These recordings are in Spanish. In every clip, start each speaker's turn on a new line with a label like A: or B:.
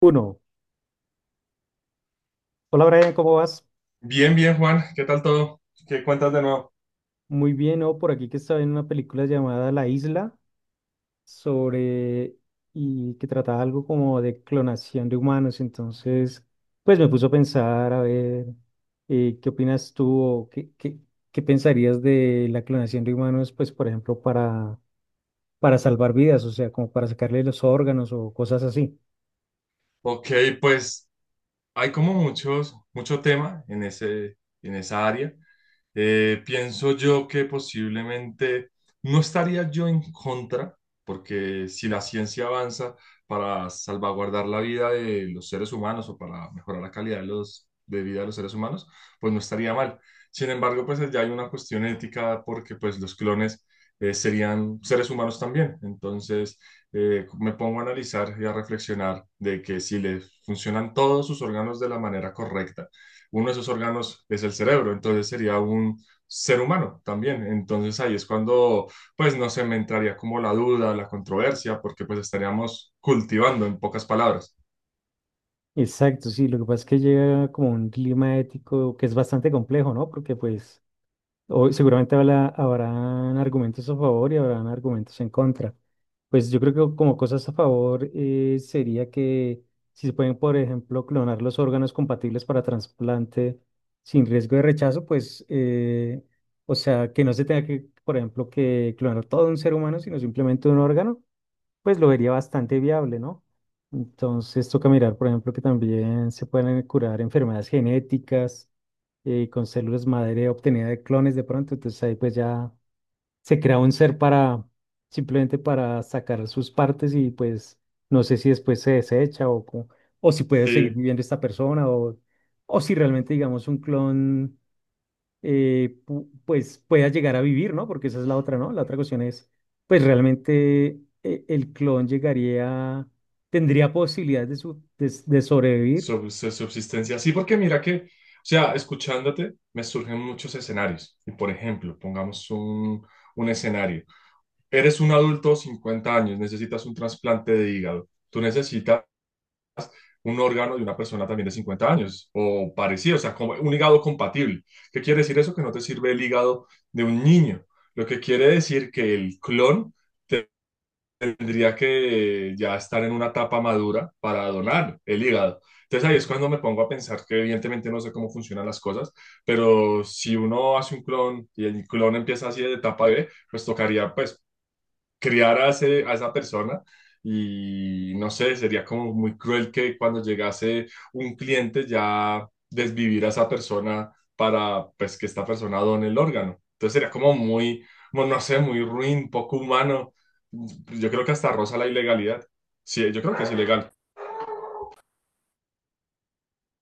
A: Uno. Hola Brian, ¿cómo vas?
B: Bien, bien, Juan. ¿Qué tal todo? ¿Qué cuentas de nuevo?
A: Muy bien, ¿no? Por aquí que estaba en una película llamada La Isla sobre y que trataba algo como de clonación de humanos. Entonces, pues me puso a pensar, a ver, ¿qué opinas tú o qué pensarías de la clonación de humanos, pues por ejemplo, para salvar vidas, o sea, como para sacarle los órganos o cosas así?
B: Ok, pues hay como muchos, mucho tema en ese, en esa área. Pienso yo que posiblemente no estaría yo en contra, porque si la ciencia avanza para salvaguardar la vida de los seres humanos o para mejorar la calidad de los, de vida de los seres humanos, pues no estaría mal. Sin embargo, pues ya hay una cuestión ética porque pues los clones serían seres humanos también. Entonces me pongo a analizar y a reflexionar de que si le funcionan todos sus órganos de la manera correcta, uno de esos órganos es el cerebro, entonces sería un ser humano también. Entonces ahí es cuando, pues, no se me entraría como la duda, la controversia, porque pues estaríamos cultivando, en pocas palabras.
A: Exacto, sí, lo que pasa es que llega como un clima ético que es bastante complejo, ¿no? Porque pues... Hoy seguramente habrán argumentos a favor y habrán argumentos en contra. Pues yo creo que como cosas a favor sería que si se pueden, por ejemplo, clonar los órganos compatibles para trasplante sin riesgo de rechazo, pues, o sea, que no se tenga que, por ejemplo, que clonar todo un ser humano, sino simplemente un órgano, pues lo vería bastante viable, ¿no? Entonces toca mirar, por ejemplo, que también se pueden curar enfermedades genéticas con células madre obtenida de clones de pronto, entonces ahí pues ya se crea un ser para, simplemente para sacar sus partes y pues no sé si después se desecha o si puede seguir
B: Sí,
A: viviendo esta persona o si realmente digamos un clon pues pueda llegar a vivir, ¿no? Porque esa es la otra, ¿no? La otra cuestión es pues realmente el clon llegaría, tendría posibilidades de, de sobrevivir.
B: subsistencia. Sí, porque mira que, o sea, escuchándote, me surgen muchos escenarios. Y por ejemplo, pongamos un escenario. Eres un adulto, 50 años, necesitas un trasplante de hígado. Tú necesitas un órgano de una persona también de 50 años o parecido, o sea, como un hígado compatible. ¿Qué quiere decir eso? Que no te sirve el hígado de un niño. Lo que quiere decir que el clon tendría que ya estar en una etapa madura para donar el hígado. Entonces ahí es cuando me pongo a pensar que evidentemente no sé cómo funcionan las cosas, pero si uno hace un clon y el clon empieza así de etapa B, pues tocaría pues criar a, a esa persona y no sé, sería como muy cruel que cuando llegase un cliente ya desvivir a esa persona para pues que esta persona done el órgano. Entonces sería como muy, bueno, no sé, muy ruin, poco humano. Yo creo que hasta roza la ilegalidad. Sí, yo creo que es ilegal.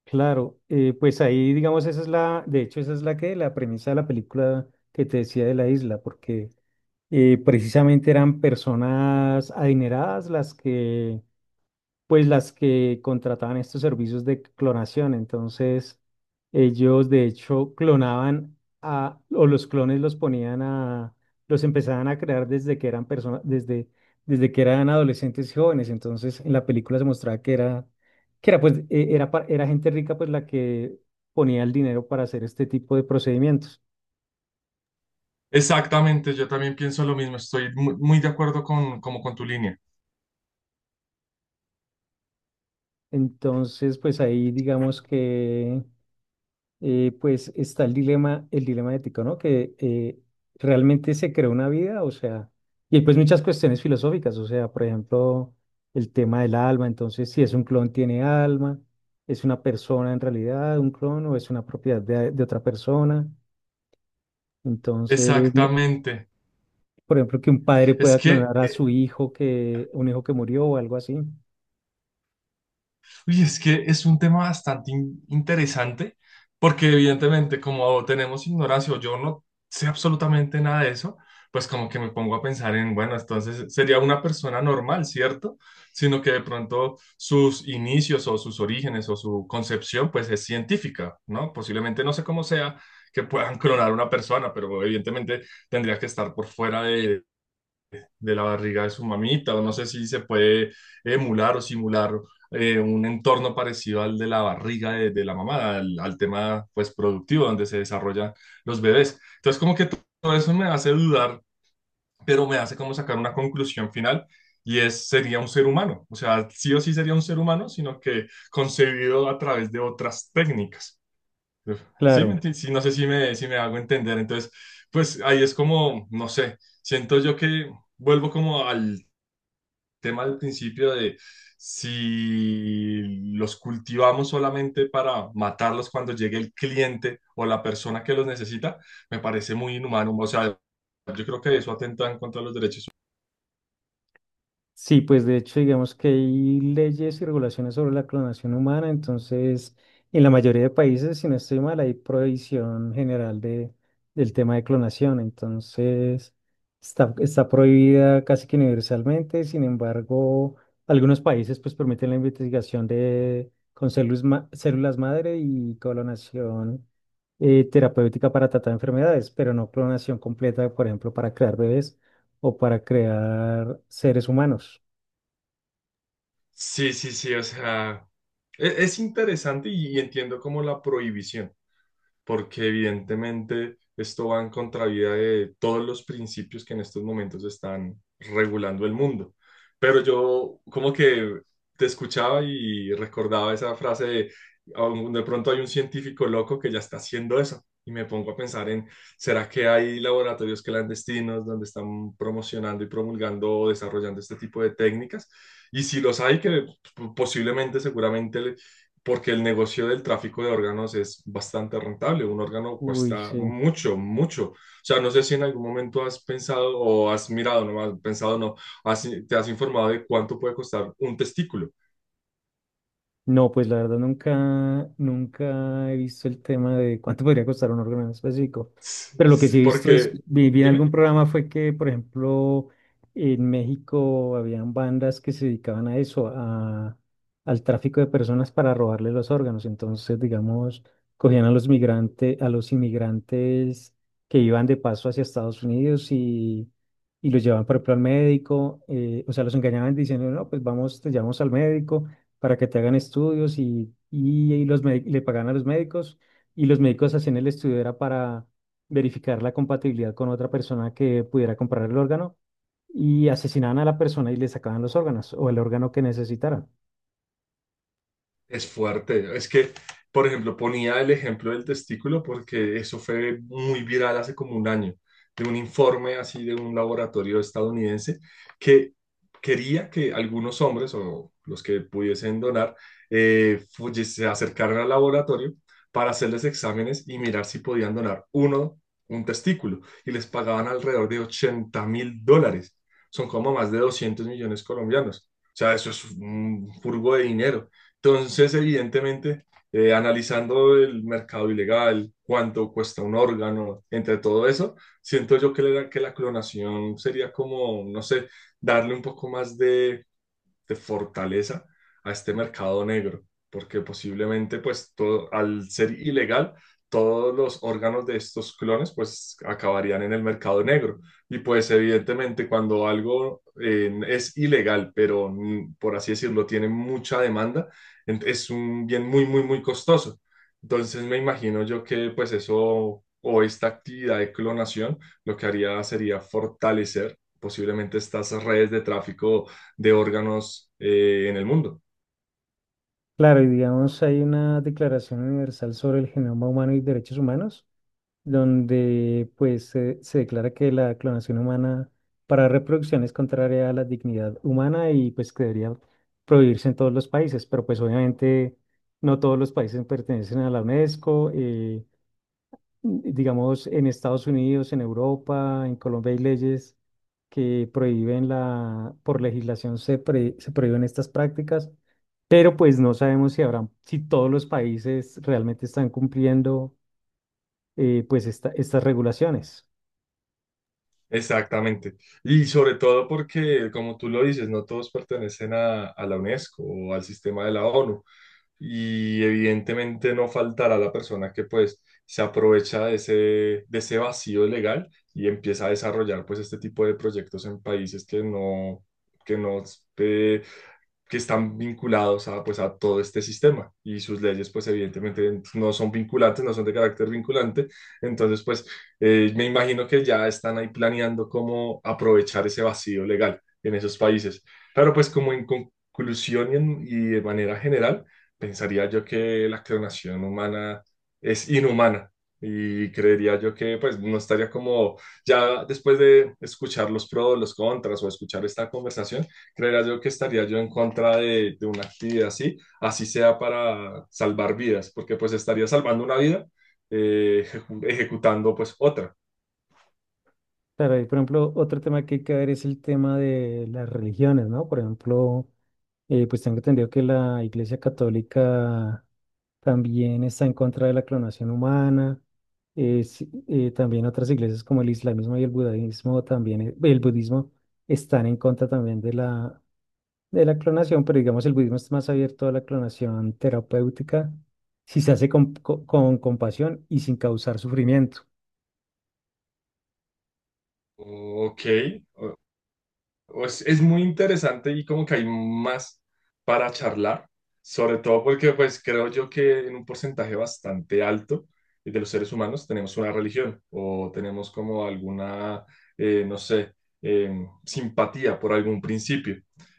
A: Claro, pues ahí digamos esa es la, de hecho esa es la que, la premisa de la película que te decía de la isla, porque precisamente eran personas adineradas las que pues las que contrataban estos servicios de clonación. Entonces, ellos de hecho clonaban a, o los clones los ponían a, los empezaban a crear desde que eran personas, desde, desde que eran adolescentes y jóvenes. Entonces, en la película se mostraba que era pues, era gente rica pues la que ponía el dinero para hacer este tipo de procedimientos.
B: Exactamente, yo también pienso lo mismo, estoy muy, de acuerdo con, como con tu línea.
A: Entonces, pues ahí digamos que pues está el dilema ético, ¿no? Que realmente se creó una vida, o sea, y hay, pues muchas cuestiones filosóficas, o sea, por ejemplo, el tema del alma, entonces si es un clon tiene alma, es una persona en realidad, un clon, o es una propiedad de otra persona, entonces,
B: Exactamente.
A: por ejemplo, que un padre
B: Es
A: pueda
B: que
A: clonar a su hijo, que un hijo que murió o algo así,
B: uy, es que es un tema bastante interesante porque evidentemente como tenemos ignorancia o yo no sé absolutamente nada de eso, pues como que me pongo a pensar en, bueno, entonces sería una persona normal, ¿cierto? Sino que de pronto sus inicios o sus orígenes o su concepción pues es científica, ¿no? Posiblemente no sé cómo sea que puedan clonar una persona, pero evidentemente tendría que estar por fuera de la barriga de su mamita, o no sé si se puede emular o simular un entorno parecido al de la barriga de la mamá, al, al tema pues productivo donde se desarrollan los bebés. Entonces como que todo eso me hace dudar, pero me hace como sacar una conclusión final y es, sería un ser humano, o sea, sí o sí sería un ser humano, sino que concebido a través de otras técnicas. Sí,
A: claro.
B: sí, no sé si me, si me hago entender. Entonces, pues ahí es como, no sé, siento yo que vuelvo como al tema al principio de si los cultivamos solamente para matarlos cuando llegue el cliente o la persona que los necesita, me parece muy inhumano. O sea, yo creo que eso atenta en contra de los derechos humanos.
A: Sí, pues de hecho, digamos que hay leyes y regulaciones sobre la clonación humana, entonces en la mayoría de países, si no estoy mal, hay prohibición general de, del tema de clonación, entonces está, está prohibida casi que universalmente, sin embargo, algunos países pues permiten la investigación de, con células madre y clonación terapéutica para tratar enfermedades, pero no clonación completa, por ejemplo, para crear bebés o para crear seres humanos.
B: Sí, sí, sí, o sea, es, interesante y entiendo como la prohibición. Porque evidentemente esto va en contravía de todos los principios que en estos momentos están regulando el mundo. Pero yo como que te escuchaba y recordaba esa frase de, "Aún de pronto hay un científico loco que ya está haciendo eso." Y me pongo a pensar en, ¿será que hay laboratorios clandestinos donde están promocionando y promulgando o desarrollando este tipo de técnicas? Y si los hay, que posiblemente, seguramente porque el negocio del tráfico de órganos es bastante rentable. Un órgano
A: Uy,
B: cuesta
A: sí.
B: mucho, mucho. O sea, no sé si en algún momento has pensado o has mirado, no has pensado, no, te has informado de cuánto puede costar un testículo.
A: No, pues la verdad nunca, nunca he visto el tema de cuánto podría costar un órgano en específico. Pero lo que sí he visto es,
B: Porque,
A: vi en algún
B: dime.
A: programa fue que, por ejemplo, en México habían bandas que se dedicaban a eso, a, al tráfico de personas para robarle los órganos. Entonces, digamos, cogían a los migrantes, a los inmigrantes que iban de paso hacia Estados Unidos y los llevaban, por ejemplo, al médico, o sea, los engañaban diciendo, no, pues vamos, te llevamos al médico, para que te hagan estudios y los le pagan a los médicos y los médicos hacían el estudio era para verificar la compatibilidad con otra persona que pudiera comprar el órgano y asesinaban a la persona y le sacaban los órganos o el órgano que necesitaran.
B: Es fuerte. Es que, por ejemplo, ponía el ejemplo del testículo porque eso fue muy viral hace como un año, de un informe así de un laboratorio estadounidense que quería que algunos hombres o los que pudiesen donar se acercaran al laboratorio para hacerles exámenes y mirar si podían donar un testículo, y les pagaban alrededor de $80.000. Son como más de 200 millones colombianos. O sea, eso es un furgo de dinero. Entonces, evidentemente, analizando el mercado ilegal, cuánto cuesta un órgano, entre todo eso, siento yo que la clonación sería como, no sé, darle un poco más de fortaleza a este mercado negro, porque posiblemente pues todo, al ser ilegal, todos los órganos de estos clones pues acabarían en el mercado negro. Y pues evidentemente cuando algo es ilegal, pero por así decirlo, tiene mucha demanda, es un bien muy, muy, muy costoso. Entonces me imagino yo que pues eso o esta actividad de clonación lo que haría sería fortalecer posiblemente estas redes de tráfico de órganos en el mundo.
A: Claro, y digamos, hay una Declaración Universal sobre el Genoma Humano y Derechos Humanos donde pues se declara que la clonación humana para reproducción es contraria a la dignidad humana y pues que debería prohibirse en todos los países, pero pues obviamente no todos los países pertenecen a la UNESCO, digamos en Estados Unidos, en Europa, en Colombia hay leyes que prohíben la, por legislación se prohíben estas prácticas, pero pues no sabemos si habrán, si todos los países realmente están cumpliendo pues estas regulaciones.
B: Exactamente. Y sobre todo porque, como tú lo dices, no todos pertenecen a la UNESCO o al sistema de la ONU. Y evidentemente no faltará la persona que pues se aprovecha de ese vacío legal y empieza a desarrollar pues este tipo de proyectos en países que no, que no, eh, que están vinculados a pues a todo este sistema y sus leyes pues evidentemente no son vinculantes, no son de carácter vinculante, entonces pues me imagino que ya están ahí planeando cómo aprovechar ese vacío legal en esos países. Pero pues como en conclusión y, y de manera general, pensaría yo que la clonación humana es inhumana y creería yo que pues no estaría como ya después de escuchar los pros, los contras o escuchar esta conversación, creería yo que estaría yo en contra de una actividad así, así sea para salvar vidas, porque pues estaría salvando una vida ejecutando pues otra.
A: Claro, y por ejemplo, otro tema que hay que ver es el tema de las religiones, ¿no? Por ejemplo, pues tengo entendido que la Iglesia Católica también está en contra de la clonación humana. Sí, también otras iglesias como el islamismo y el budismo también, el budismo están en contra también de la clonación, pero digamos el budismo es más abierto a la clonación terapéutica si se hace con compasión y sin causar sufrimiento.
B: Ok, es muy interesante y como que hay más para charlar, sobre todo porque pues creo yo que en un porcentaje bastante alto de los seres humanos tenemos una religión o tenemos como alguna, no sé, simpatía por algún principio,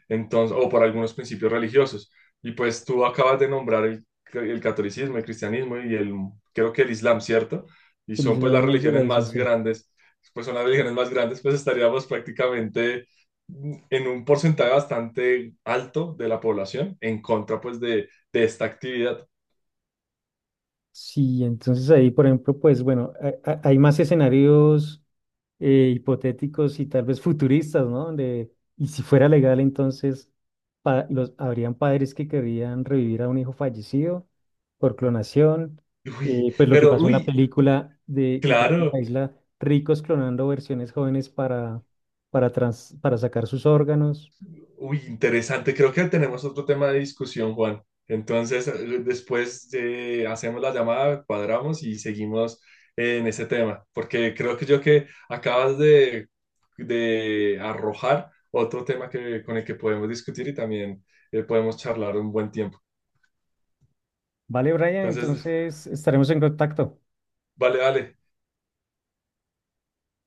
B: entonces, o por algunos principios religiosos. Y pues tú acabas de nombrar el catolicismo, el cristianismo y el, creo que el islam, ¿cierto? Y
A: El
B: son pues las
A: islamismo y el Claro.
B: religiones
A: budismo,
B: más
A: sí.
B: grandes, pues son las religiones más grandes, pues estaríamos prácticamente en un porcentaje bastante alto de la población en contra pues de esta actividad.
A: Sí, entonces ahí, por ejemplo, pues bueno, hay más escenarios hipotéticos y tal vez futuristas, ¿no? Donde, y si fuera legal, entonces habrían padres que querrían revivir a un hijo fallecido por clonación,
B: Uy,
A: pues lo que
B: pero
A: pasó en la
B: uy,
A: película de que tenía la
B: claro,
A: isla ricos clonando versiones jóvenes para, para sacar sus órganos.
B: uy, interesante. Creo que tenemos otro tema de discusión, Juan. Entonces, después hacemos la llamada, cuadramos y seguimos en ese tema, porque creo que yo que acabas de arrojar otro tema que, con el que podemos discutir y también podemos charlar un buen tiempo.
A: Vale, Brian,
B: Entonces,
A: entonces estaremos en contacto.
B: vale, vale.